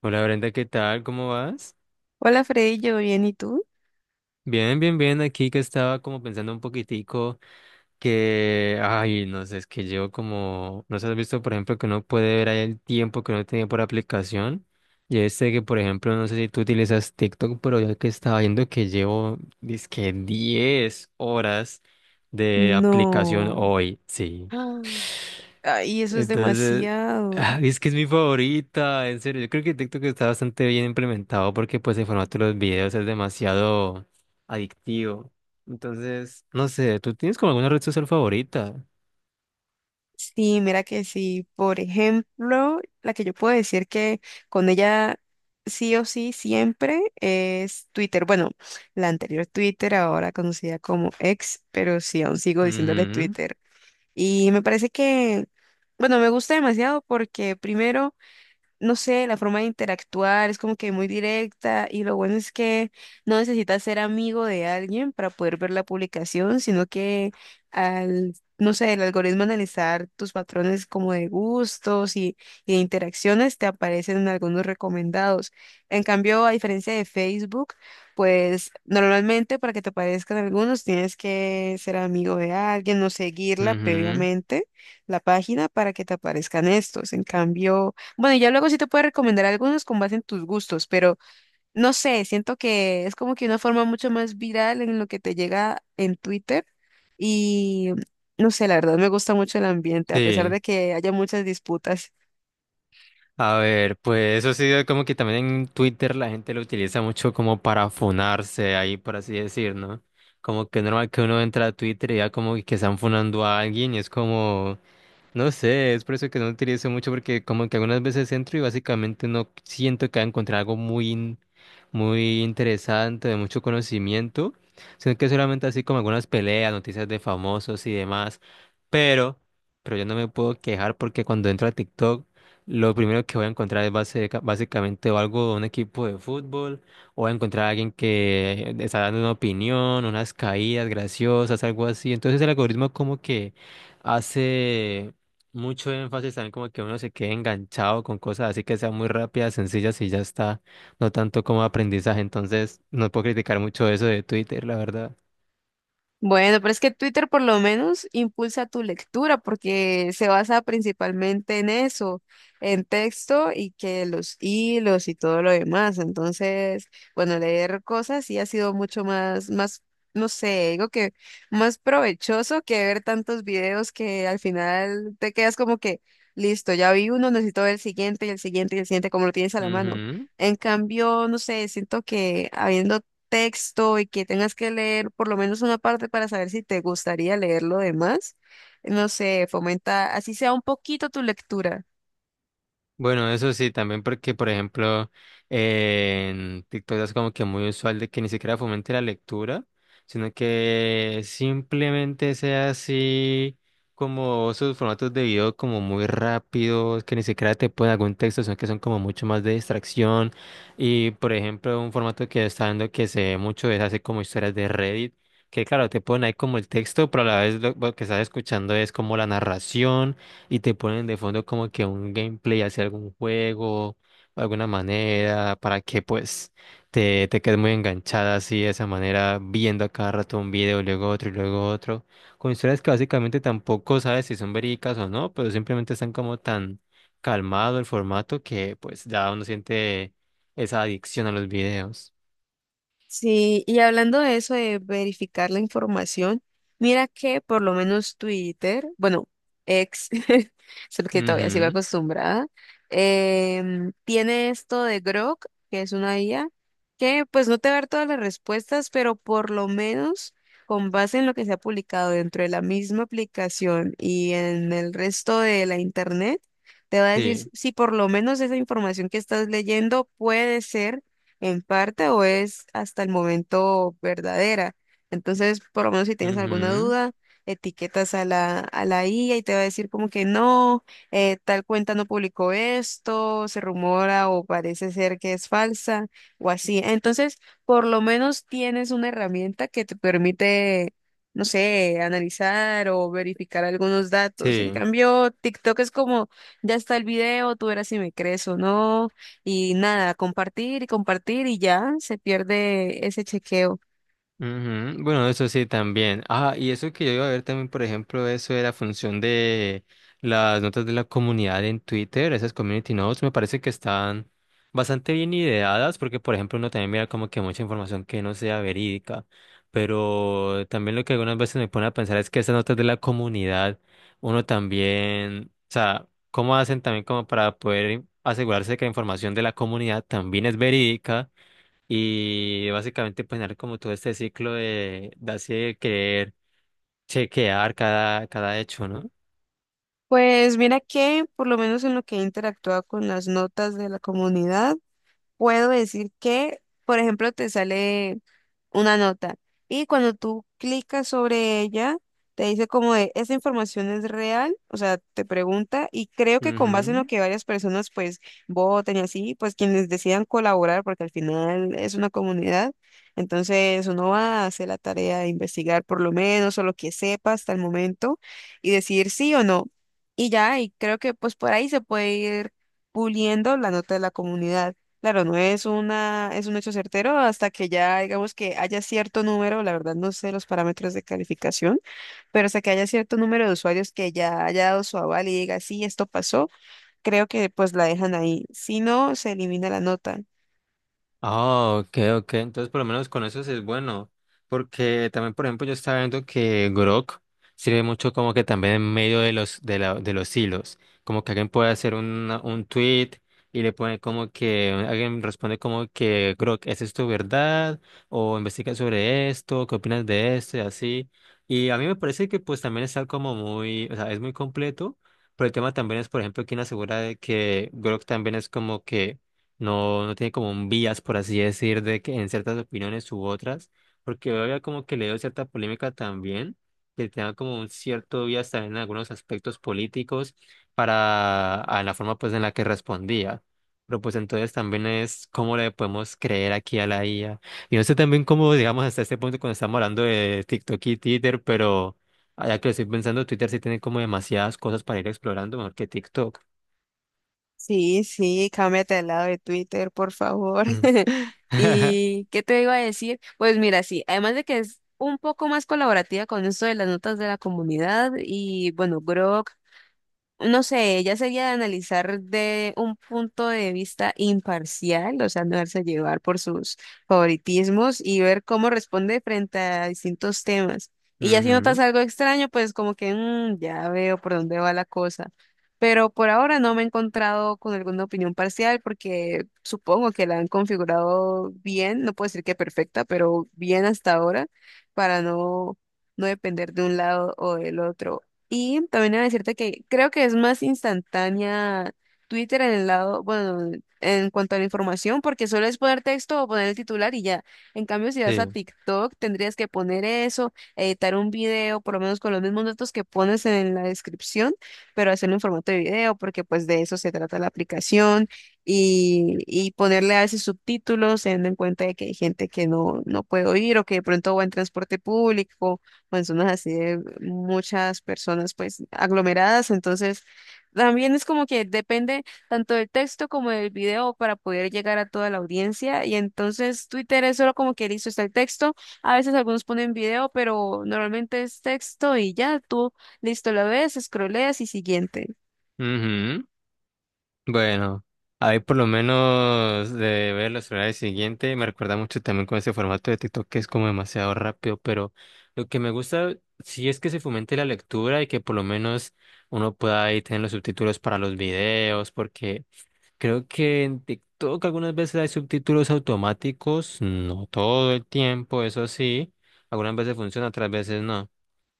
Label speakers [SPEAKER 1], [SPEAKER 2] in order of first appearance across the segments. [SPEAKER 1] Hola Brenda, ¿qué tal? ¿Cómo vas?
[SPEAKER 2] Hola Freddy, ¿yo bien y tú?
[SPEAKER 1] Bien, bien, bien. Aquí que estaba como pensando un poquitico que, ay, no sé, es que llevo como, no sé, has visto, por ejemplo, que uno puede ver ahí el tiempo que uno tenía por aplicación. Y este que, por ejemplo, no sé si tú utilizas TikTok, pero ya que estaba viendo que llevo, dizque 10 horas de aplicación
[SPEAKER 2] No.
[SPEAKER 1] hoy. Sí.
[SPEAKER 2] Ah, ay, eso es
[SPEAKER 1] Entonces,
[SPEAKER 2] demasiado.
[SPEAKER 1] ah, es que es mi favorita, en serio. Yo creo que TikTok está bastante bien implementado porque pues el formato de los videos es demasiado adictivo. Entonces, no sé, ¿tú tienes como alguna red social favorita?
[SPEAKER 2] Sí, mira que sí. Por ejemplo, la que yo puedo decir que con ella sí o sí siempre es Twitter. Bueno, la anterior Twitter, ahora conocida como X, pero sí, aún sigo diciéndole
[SPEAKER 1] Mhm.
[SPEAKER 2] Twitter. Y me parece que, bueno, me gusta demasiado porque primero, no sé, la forma de interactuar es como que muy directa y lo bueno es que no necesitas ser amigo de alguien para poder ver la publicación, sino que al, no sé, el algoritmo analizar tus patrones como de gustos y, de interacciones te aparecen algunos recomendados. En cambio, a diferencia de Facebook, pues normalmente para que te aparezcan algunos tienes que ser amigo de alguien o seguirla
[SPEAKER 1] Mhm.
[SPEAKER 2] previamente la página para que te aparezcan estos. En cambio, bueno, y ya luego sí te puedo recomendar algunos con base en tus gustos, pero no sé, siento que es como que una forma mucho más viral en lo que te llega en Twitter y no sé, la verdad me gusta mucho el ambiente, a pesar
[SPEAKER 1] Sí.
[SPEAKER 2] de que haya muchas disputas.
[SPEAKER 1] A ver, pues eso sí, como que también en Twitter la gente lo utiliza mucho como para funarse ahí, por así decir, ¿no? Como que es normal que uno entra a Twitter y ya como que están funando a alguien y es como no sé, es por eso que no utilizo mucho porque como que algunas veces entro y básicamente no siento que haya encontrado algo muy, muy interesante, de mucho conocimiento, sino que solamente así como algunas peleas, noticias de famosos y demás. Pero, pero yo no me puedo quejar porque cuando entro a TikTok, lo primero que voy a encontrar es básicamente o algo de un equipo de fútbol, o voy a encontrar a alguien que está dando una opinión, unas caídas graciosas, algo así. Entonces el algoritmo como que hace mucho énfasis también como que uno se quede enganchado con cosas así que sean muy rápidas, sencillas y ya está, no tanto como aprendizaje. Entonces, no puedo criticar mucho eso de Twitter, la verdad.
[SPEAKER 2] Bueno, pero es que Twitter por lo menos impulsa tu lectura porque se basa principalmente en eso, en texto y que los hilos y todo lo demás. Entonces, bueno, leer cosas sí ha sido mucho más, no sé, digo que más provechoso que ver tantos videos que al final te quedas como que, listo, ya vi uno, necesito ver el siguiente y el siguiente y el siguiente, como lo tienes a la mano.
[SPEAKER 1] Ujú.
[SPEAKER 2] En cambio, no sé, siento que habiendo texto y que tengas que leer por lo menos una parte para saber si te gustaría leer lo demás, no sé, fomenta así sea un poquito tu lectura.
[SPEAKER 1] Bueno, eso sí, también porque, por ejemplo, en TikTok es como que muy usual de que ni siquiera fomente la lectura, sino que simplemente sea así como sus formatos de video como muy rápidos, que ni siquiera te ponen algún texto, sino que son como mucho más de distracción. Y, por ejemplo, un formato que está dando que se ve mucho es así como historias de Reddit, que claro, te ponen ahí como el texto, pero a la vez lo que estás escuchando es como la narración y te ponen de fondo como que un gameplay hacia algún juego, de alguna manera, para que pues te quedes muy enganchada así de esa manera, viendo a cada rato un video, luego otro y luego otro, con historias que básicamente tampoco sabes si son verídicas o no, pero simplemente están como tan calmado el formato que pues ya uno siente esa adicción a los videos.
[SPEAKER 2] Sí, y hablando de eso de verificar la información, mira que por lo menos Twitter, bueno, ex, solo que todavía sigo
[SPEAKER 1] Ujú,
[SPEAKER 2] acostumbrada, tiene esto de Grok, que es una IA, que pues no te va a dar todas las respuestas, pero por lo menos con base en lo que se ha publicado dentro de la misma aplicación y en el resto de la internet, te va a decir
[SPEAKER 1] sí,
[SPEAKER 2] si por lo menos esa información que estás leyendo puede ser en parte o es hasta el momento verdadera. Entonces, por lo menos si tienes alguna
[SPEAKER 1] ujú,
[SPEAKER 2] duda, etiquetas a la IA y te va a decir como que no, tal cuenta no publicó esto, se rumora o parece ser que es falsa o así. Entonces, por lo menos tienes una herramienta que te permite, no sé, analizar o verificar algunos datos. En
[SPEAKER 1] sí.
[SPEAKER 2] cambio, TikTok es como, ya está el video, tú verás si me crees o no y nada, compartir y compartir y ya se pierde ese chequeo.
[SPEAKER 1] Ujú. Bueno, eso sí también. Ah, y eso que yo iba a ver también, por ejemplo, eso de la función de las notas de la comunidad en Twitter, esas community notes, me parece que están bastante bien ideadas, porque, por ejemplo, uno también mira como que mucha información que no sea verídica, pero también lo que algunas veces me pone a pensar es que esas notas de la comunidad, uno también, o sea, ¿cómo hacen también como para poder asegurarse que la información de la comunidad también es verídica? Y básicamente poner como todo este ciclo de así de querer chequear cada hecho, ¿no?
[SPEAKER 2] Pues mira que por lo menos en lo que he interactuado con las notas de la comunidad, puedo decir que, por ejemplo, te sale una nota. Y cuando tú clicas sobre ella, te dice como de, ¿esa información es real? O sea, te pregunta y creo que con base en lo
[SPEAKER 1] Ujú.
[SPEAKER 2] que varias personas pues voten y así, pues quienes decidan colaborar, porque al final es una comunidad, entonces uno va a hacer la tarea de investigar por lo menos o lo que sepa hasta el momento y decidir sí o no. Y ya, y creo que pues por ahí se puede ir puliendo la nota de la comunidad. Claro, no es una, es un hecho certero hasta que ya digamos que haya cierto número, la verdad no sé los parámetros de calificación, pero hasta que haya cierto número de usuarios que ya haya dado su aval y diga, sí, esto pasó, creo que pues la dejan ahí. Si no, se elimina la nota.
[SPEAKER 1] Ah, ok, ok. Entonces, por lo menos con eso sí es bueno. Porque también, por ejemplo, yo estaba viendo que Grok sirve mucho como que también en medio de los hilos. Como que alguien puede hacer un tweet y le pone como que alguien responde como que Grok, ¿es esto verdad? O investiga sobre esto, ¿qué opinas de esto? Y así. Y a mí me parece que pues también está como muy, o sea, es muy completo. Pero el tema también es, por ejemplo, quién asegura de que Grok también es como que no tiene como un vías, por así decir, de que en ciertas opiniones u otras, porque había como que le dio cierta polémica también, que tenga como un cierto vías también en algunos aspectos políticos para a la forma pues en la que respondía. Pero pues entonces también es cómo le podemos creer aquí a la IA. Y no sé también cómo, digamos, hasta este punto cuando estamos hablando de TikTok y Twitter, pero ya que lo estoy pensando, Twitter sí tiene como demasiadas cosas para ir explorando, mejor que TikTok.
[SPEAKER 2] Sí, sí, cámbiate al lado de Twitter, por favor.
[SPEAKER 1] Ujú.
[SPEAKER 2] ¿Y qué te iba a decir? Pues mira, sí, además de que es un poco más colaborativa con esto de las notas de la comunidad y bueno, Grok. No sé, ella sería de analizar de un punto de vista imparcial, o sea, no darse a llevar por sus favoritismos y ver cómo responde frente a distintos temas. Y ya si
[SPEAKER 1] Ujú,
[SPEAKER 2] notas algo extraño, pues como que "Mm, ya veo por dónde va la cosa". Pero por ahora no me he encontrado con alguna opinión parcial porque supongo que la han configurado bien, no puedo decir que perfecta, pero bien hasta ahora para no depender de un lado o del otro. Y también a decirte que creo que es más instantánea Twitter en el lado, bueno, en cuanto a la información, porque solo es poner texto o poner el titular y ya. En cambio, si vas a
[SPEAKER 1] sí.
[SPEAKER 2] TikTok, tendrías que poner eso, editar un video, por lo menos con los mismos datos que pones en la descripción, pero hacerlo en formato de video, porque pues de eso se trata la aplicación y, ponerle a veces subtítulos, teniendo en cuenta de que hay gente que no puede oír o que de pronto va en transporte público manzonas así de muchas personas pues aglomeradas, entonces también es como que depende tanto del texto como del video para poder llegar a toda la audiencia y entonces Twitter es solo como que listo está el texto, a veces algunos ponen video, pero normalmente es texto y ya tú listo lo ves, scrolleas y siguiente.
[SPEAKER 1] Ujú. Bueno, ahí por lo menos de ver los horarios siguientes, me recuerda mucho también con ese formato de TikTok que es como demasiado rápido, pero lo que me gusta sí es que se fomente la lectura y que por lo menos uno pueda ahí tener los subtítulos para los videos, porque creo que en TikTok algunas veces hay subtítulos automáticos, no todo el tiempo, eso sí, algunas veces funciona, otras veces no.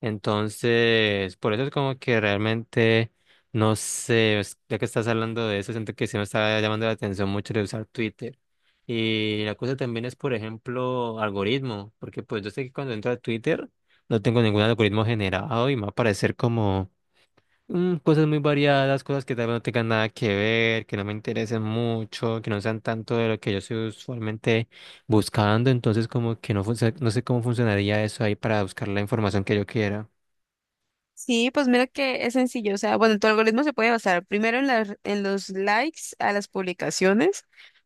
[SPEAKER 1] Entonces, por eso es como que realmente, no sé, ya que estás hablando de eso, siento que sí me está llamando la atención mucho de usar Twitter. Y la cosa también es, por ejemplo, algoritmo, porque pues yo sé que cuando entro a Twitter no tengo ningún algoritmo generado y me va a aparecer como cosas muy variadas, cosas que tal vez no tengan nada que ver, que no me interesen mucho, que no sean tanto de lo que yo estoy usualmente buscando, entonces como que no, no sé cómo funcionaría eso ahí para buscar la información que yo quiera.
[SPEAKER 2] Sí, pues mira que es sencillo. O sea, bueno, tu algoritmo se puede basar primero en los likes a las publicaciones,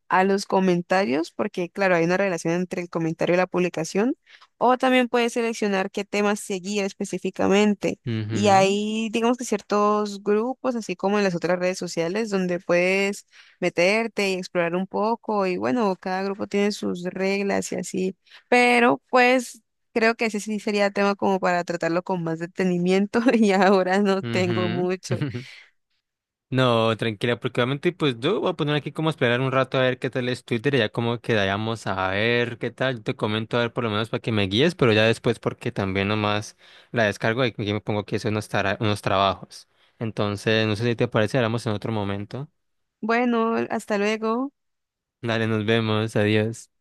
[SPEAKER 2] a los comentarios, porque claro, hay una relación entre el comentario y la publicación. O también puedes seleccionar qué temas seguir específicamente. Y
[SPEAKER 1] Ujú,
[SPEAKER 2] hay, digamos que ciertos grupos, así como en las otras redes sociales, donde puedes meterte y explorar un poco. Y bueno, cada grupo tiene sus reglas y así. Pero pues, creo que ese sí sería tema como para tratarlo con más detenimiento y ahora no
[SPEAKER 1] ujú,
[SPEAKER 2] tengo
[SPEAKER 1] ujú.
[SPEAKER 2] mucho.
[SPEAKER 1] No, tranquila, porque obviamente pues yo voy a poner aquí como a esperar un rato a ver qué tal es Twitter y ya como quedamos a ver qué tal. Yo te comento a ver por lo menos para que me guíes, pero ya después porque también nomás la descargo y aquí me pongo que hacer unos trabajos. Entonces, no sé si te parece, hablamos en otro momento.
[SPEAKER 2] Bueno, hasta luego.
[SPEAKER 1] Dale, nos vemos, adiós.